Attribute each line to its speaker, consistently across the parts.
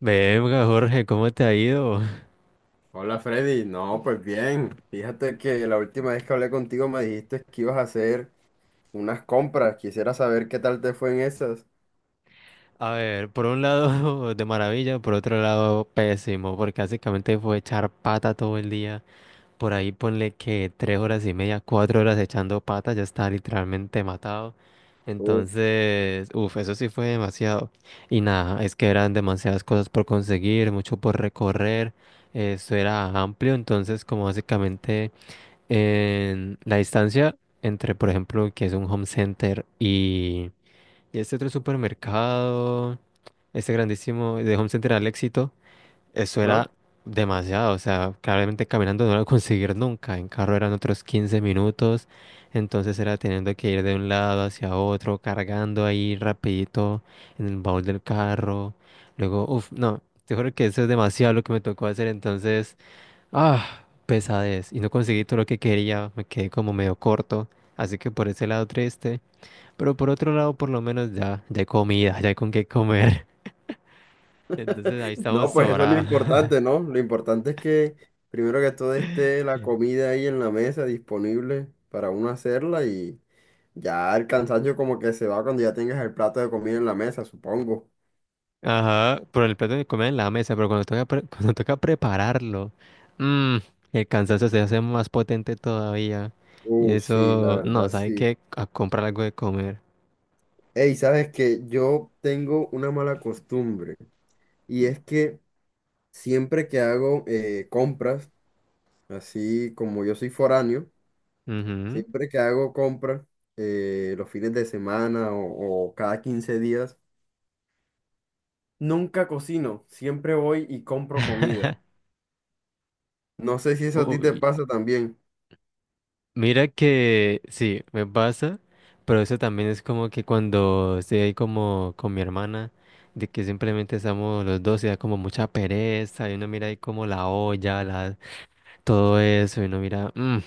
Speaker 1: Venga, Jorge, ¿cómo te ha ido?
Speaker 2: Hola Freddy, no, pues bien, fíjate que la última vez que hablé contigo me dijiste que ibas a hacer unas compras, quisiera saber qué tal te fue en esas.
Speaker 1: A ver, por un lado de maravilla, por otro lado pésimo, porque básicamente fue echar pata todo el día. Por ahí ponle que 3 horas y media, 4 horas echando pata, ya está literalmente matado.
Speaker 2: Uf.
Speaker 1: Entonces, uff, eso sí fue demasiado. Y nada, es que eran demasiadas cosas por conseguir, mucho por recorrer. Eso era amplio, entonces como básicamente en la distancia entre, por ejemplo, que es un home center y este otro supermercado, este grandísimo de Home Center al Éxito, eso
Speaker 2: Ajá.
Speaker 1: era demasiado. O sea, claramente caminando no lo iba a conseguir nunca. En carro eran otros 15 minutos. Entonces era teniendo que ir de un lado hacia otro, cargando ahí rapidito en el baúl del carro. Luego, uff, no, te juro que eso es demasiado lo que me tocó hacer. Entonces, ah, pesadez. Y no conseguí todo lo que quería. Me quedé como medio corto. Así que por ese lado triste. Pero por otro lado, por lo menos ya hay comida, ya hay con qué comer. Entonces ahí estamos
Speaker 2: No, pues eso es lo
Speaker 1: sobrados.
Speaker 2: importante, ¿no? Lo importante es que primero que todo esté la comida ahí en la mesa disponible para uno hacerla y ya el cansancio como que se va cuando ya tengas el plato de comida en la mesa, supongo.
Speaker 1: Ajá, por el plato de comida en la mesa, pero cuando toca, cuando toca prepararlo, mm, el cansancio se hace más potente todavía. Y
Speaker 2: Sí, la
Speaker 1: eso, no,
Speaker 2: verdad
Speaker 1: sabe
Speaker 2: sí.
Speaker 1: que a comprar algo de comer.
Speaker 2: Ey, sabes que yo tengo una mala costumbre y es que siempre que hago compras, así como yo soy foráneo,
Speaker 1: Ujú.
Speaker 2: siempre que hago compras los fines de semana o cada 15 días, nunca cocino, siempre voy y compro comida. No sé si eso a ti te
Speaker 1: Uy,
Speaker 2: pasa también.
Speaker 1: mira que sí, me pasa, pero eso también es como que cuando estoy ahí como con mi hermana, de que simplemente estamos los dos y da como mucha pereza, y uno mira ahí como la olla, todo eso, y uno mira, "Mm".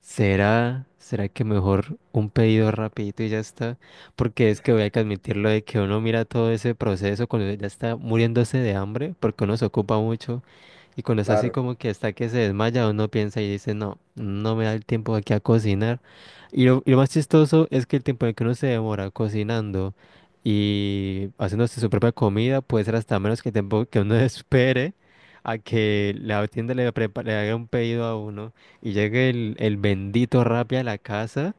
Speaker 1: ¿Será que mejor un pedido rapidito y ya está? Porque es que voy a que admitirlo de que uno mira todo ese proceso cuando ya está muriéndose de hambre, porque uno se ocupa mucho y cuando está así
Speaker 2: Claro.
Speaker 1: como que está que se desmaya, uno piensa y dice, no, no me da el tiempo aquí a cocinar. Y lo más chistoso es que el tiempo en el que uno se demora cocinando y haciéndose su propia comida puede ser hasta menos que el tiempo que uno espere a que la tienda le haga un pedido a uno. Y llega el bendito Rappi a la casa,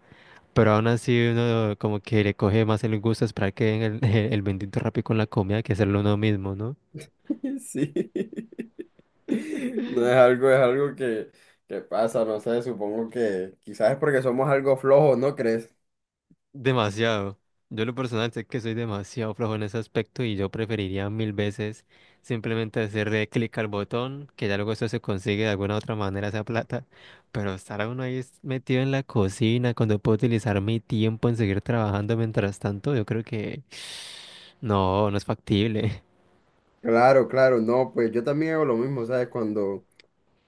Speaker 1: pero aún así uno como que le coge más el gusto esperar que venga el, el bendito Rappi con la comida que hacerlo uno mismo, ¿no?
Speaker 2: Sí, no es algo, es algo que pasa, no sé, supongo que quizás es porque somos algo flojos, ¿no crees?
Speaker 1: Demasiado. Yo en lo personal sé que soy demasiado flojo en ese aspecto y yo preferiría mil veces simplemente hacerle clic al botón, que ya luego eso se consigue de alguna otra manera esa plata, pero estar uno ahí metido en la cocina cuando puedo utilizar mi tiempo en seguir trabajando mientras tanto, yo creo que no, no es factible.
Speaker 2: Claro, claro, no, pues yo también hago lo mismo, ¿sabes? Cuando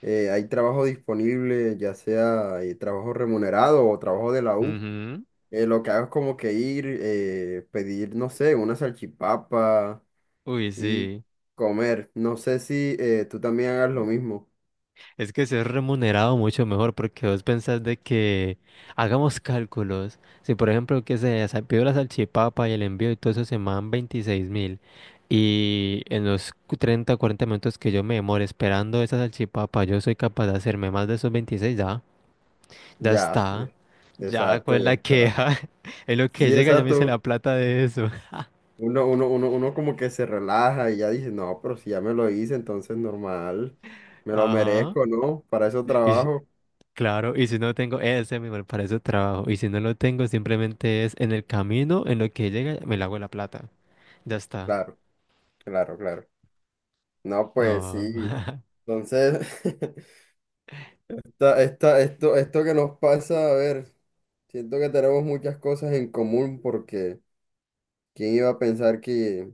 Speaker 2: hay trabajo disponible, ya sea trabajo remunerado o trabajo de la U. Lo que hago es como que ir, pedir, no sé, una salchipapa
Speaker 1: Uy,
Speaker 2: y
Speaker 1: sí,
Speaker 2: comer. No sé si tú también hagas lo mismo.
Speaker 1: es que ser remunerado mucho mejor porque vos pensás de que hagamos cálculos. Si por ejemplo que se pidió la salchipapa y el envío y todo eso se me dan 26 mil y en los 30, 40 minutos que yo me demore esperando esa salchipapa yo soy capaz de hacerme más de esos 26 ya, ya
Speaker 2: Ya,
Speaker 1: está, ya
Speaker 2: exacto,
Speaker 1: cuál es
Speaker 2: ya
Speaker 1: la
Speaker 2: está.
Speaker 1: queja, en lo que
Speaker 2: Sí,
Speaker 1: llega ya me hice la
Speaker 2: exacto.
Speaker 1: plata de eso.
Speaker 2: Uno como que se relaja y ya dice, no, pero si ya me lo hice, entonces normal. Me lo
Speaker 1: Ajá.
Speaker 2: merezco, ¿no? Para eso
Speaker 1: Y,
Speaker 2: trabajo.
Speaker 1: Claro, y si no tengo ese mismo para ese trabajo, y si no lo tengo, simplemente es en el camino, en lo que llega, me la hago la plata. Ya está.
Speaker 2: Claro, claro, claro. No, pues
Speaker 1: No.
Speaker 2: sí. Entonces, esto que nos pasa, a ver, siento que tenemos muchas cosas en común porque quién iba a pensar que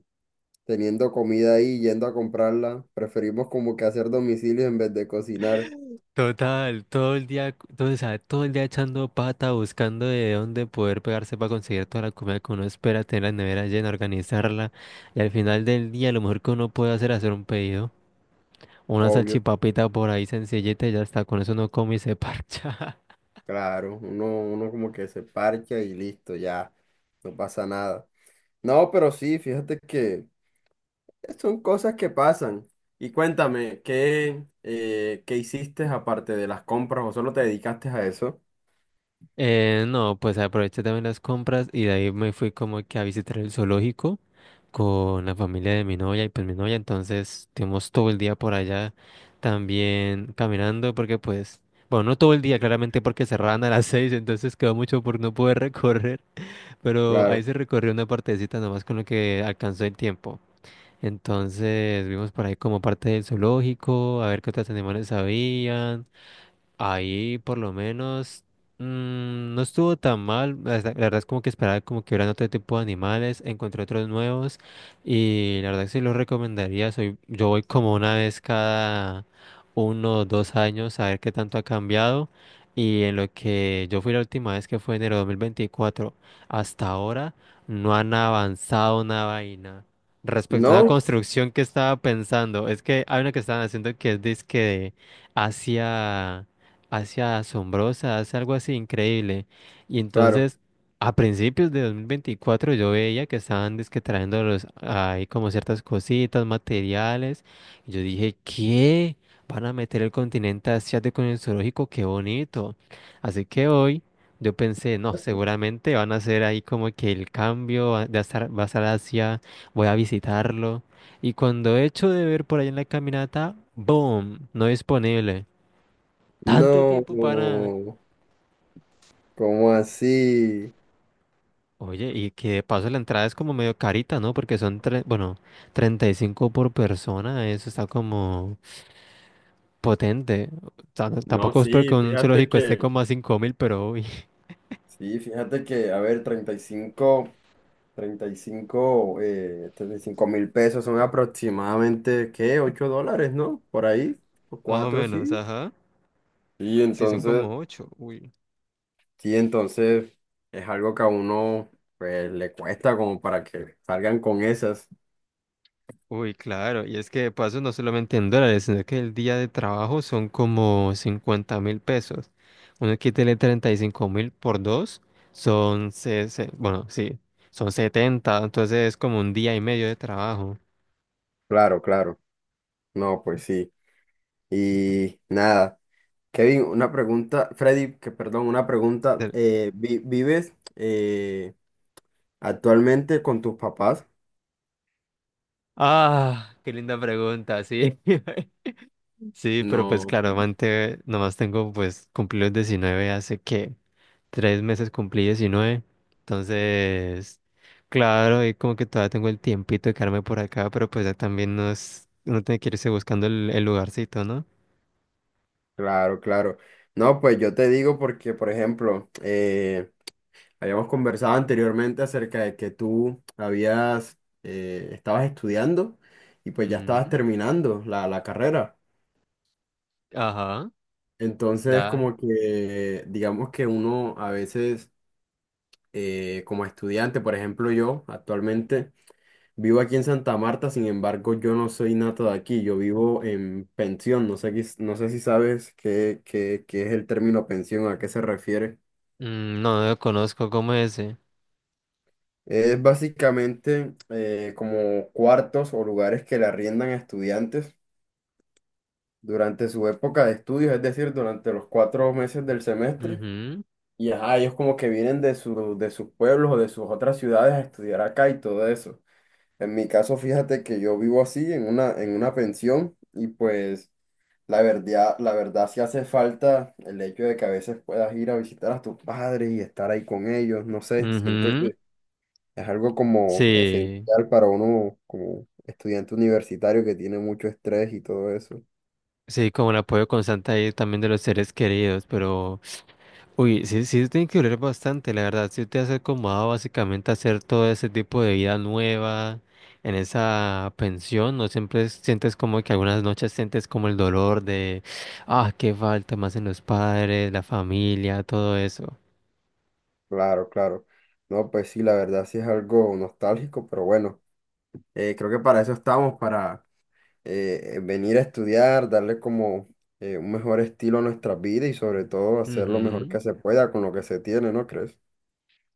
Speaker 2: teniendo comida ahí, yendo a comprarla, preferimos como que hacer domicilio en vez de cocinar,
Speaker 1: Total, todo el día, todo, o sea, todo el día echando pata, buscando de dónde poder pegarse para conseguir toda la comida que uno espera, tener la nevera llena, organizarla. Y al final del día, lo mejor que uno puede hacer es hacer un pedido. Una
Speaker 2: obvio,
Speaker 1: salchipapita por ahí sencillita y ya está. Con eso uno come y se parcha.
Speaker 2: claro, uno como que se parcha y listo, ya, no pasa nada. No, pero sí, fíjate que son cosas que pasan. Y cuéntame, ¿qué hiciste aparte de las compras o solo te dedicaste a eso?
Speaker 1: No, pues aproveché también las compras y de ahí me fui como que a visitar el zoológico con la familia de mi novia y pues mi novia, entonces estuvimos todo el día por allá también caminando porque pues, bueno, no todo el día claramente porque cerraban a las 6, entonces quedó mucho por no poder recorrer, pero ahí
Speaker 2: Claro.
Speaker 1: se recorrió una partecita nomás con lo que alcanzó el tiempo. Entonces vimos por ahí como parte del zoológico, a ver qué otros animales había. Ahí por lo menos no estuvo tan mal. La verdad es como que esperaba como que hubieran otro tipo de animales. Encontré otros nuevos y la verdad sí los recomendaría. Yo voy como una vez cada uno o 2 años a ver qué tanto ha cambiado. Y en lo que yo fui la última vez que fue enero de 2024 hasta ahora no han avanzado una vaina. Respecto a una
Speaker 2: No,
Speaker 1: construcción que estaba pensando, es que hay una que estaban haciendo que es disque de Asia hacia asombrosa, hace algo así increíble. Y
Speaker 2: claro.
Speaker 1: entonces, a principios de 2024 yo veía que estaban dizque trayendo ahí como ciertas cositas, materiales. Y yo dije, ¿qué? Van a meter el continente asiático en el zoológico, qué bonito. Así que hoy yo pensé, no, seguramente van a hacer ahí como que el cambio va a estar Asia, voy a visitarlo. Y cuando he hecho de ver por ahí en la caminata, ¡boom! No disponible. Tanto
Speaker 2: No,
Speaker 1: tiempo para...
Speaker 2: ¿cómo así?
Speaker 1: Oye, y que de paso la entrada es como medio carita, ¿no? Porque son, bueno, 35 por persona, eso está como potente. O sea,
Speaker 2: No,
Speaker 1: tampoco espero
Speaker 2: sí,
Speaker 1: que un
Speaker 2: fíjate
Speaker 1: zoológico esté
Speaker 2: que,
Speaker 1: como a 5.000, pero uy,
Speaker 2: A ver, 35, 35, 35.000 pesos son aproximadamente, ¿qué? 8 dólares, ¿no? Por ahí, o
Speaker 1: más o
Speaker 2: 4,
Speaker 1: menos,
Speaker 2: sí.
Speaker 1: ajá.
Speaker 2: Y
Speaker 1: Sí, son
Speaker 2: entonces,
Speaker 1: como ocho.
Speaker 2: sí, entonces es algo que a uno, pues, le cuesta como para que salgan con esas.
Speaker 1: Uy, claro, y es que de paso no solamente en dólares, sino que el día de trabajo son como 50.000 pesos. Uno quítele 35.000 por dos, son, bueno, sí, son 70. Entonces es como un día y medio de trabajo.
Speaker 2: Claro, claro. No, pues sí. Y nada. Kevin, una pregunta, Freddy, que perdón, una pregunta.
Speaker 1: Del-
Speaker 2: ¿Vives actualmente con tus papás?
Speaker 1: Ah, qué linda pregunta, sí. Sí, pero pues
Speaker 2: No,
Speaker 1: claro,
Speaker 2: pues,
Speaker 1: nomás tengo pues cumplí los 19 hace que 3 meses cumplí 19. Entonces, claro, y como que todavía tengo el tiempito de quedarme por acá, pero pues ya también no es, uno tiene que irse buscando el lugarcito, ¿no?
Speaker 2: claro, claro. No, pues yo te digo porque, por ejemplo, habíamos conversado anteriormente acerca de que estabas estudiando y pues ya estabas
Speaker 1: Ujú.
Speaker 2: terminando la carrera.
Speaker 1: Ajá,
Speaker 2: Entonces,
Speaker 1: ya.
Speaker 2: como que, digamos que uno a veces, como estudiante, por ejemplo, yo actualmente vivo aquí en Santa Marta, sin embargo, yo no soy nato de aquí, yo vivo en pensión, no sé, no sé si sabes qué es el término pensión, a qué se refiere.
Speaker 1: No, lo conozco como ese.
Speaker 2: Es básicamente como cuartos o lugares que le arriendan a estudiantes durante su época de estudios, es decir, durante los 4 meses del semestre.
Speaker 1: Ujú,
Speaker 2: Y ajá, ellos como que vienen de sus pueblos o de sus otras ciudades a estudiar acá y todo eso. En mi caso, fíjate que yo vivo así en una pensión y pues la verdad sí hace falta el hecho de que a veces puedas ir a visitar a tus padres y estar ahí con ellos, no sé, siento
Speaker 1: ujú.
Speaker 2: que es algo como
Speaker 1: Sí,
Speaker 2: esencial para uno como estudiante universitario que tiene mucho estrés y todo eso.
Speaker 1: sí, como el apoyo constante ahí también de los seres queridos, pero... Uy, sí, sí, tiene que doler bastante, la verdad. Si te has acomodado básicamente a hacer todo ese tipo de vida nueva en esa pensión, no siempre sientes como que algunas noches sientes como el dolor de, ah, qué falta más en los padres, la familia, todo eso.
Speaker 2: Claro, claro. No, pues sí, la verdad sí es algo nostálgico, pero bueno, creo que para eso estamos, venir a estudiar, darle como un mejor estilo a nuestra vida y sobre todo hacer lo mejor
Speaker 1: Ujú.
Speaker 2: que se pueda con lo que se tiene, ¿no crees?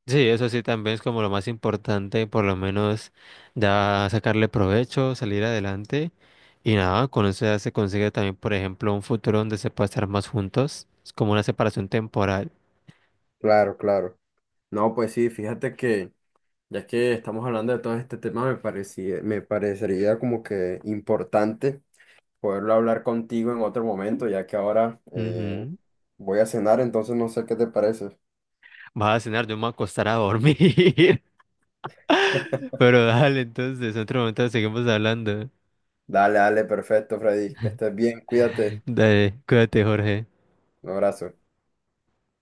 Speaker 1: Sí, eso sí también es como lo más importante, por lo menos ya sacarle provecho, salir adelante. Y nada, con eso ya se consigue también, por ejemplo, un futuro donde se pueda estar más juntos. Es como una separación temporal.
Speaker 2: Claro, claro. No, pues sí, fíjate que ya que estamos hablando de todo este tema, me parecería como que importante poderlo hablar contigo en otro momento, ya que ahora
Speaker 1: Ujú.
Speaker 2: voy a cenar, entonces no sé qué te parece.
Speaker 1: Vas a cenar, yo me voy a acostar a dormir. Pero dale, entonces, en otro momento seguimos hablando.
Speaker 2: Dale, dale, perfecto, Freddy, que estés bien, cuídate,
Speaker 1: Dale, cuídate, Jorge.
Speaker 2: un abrazo.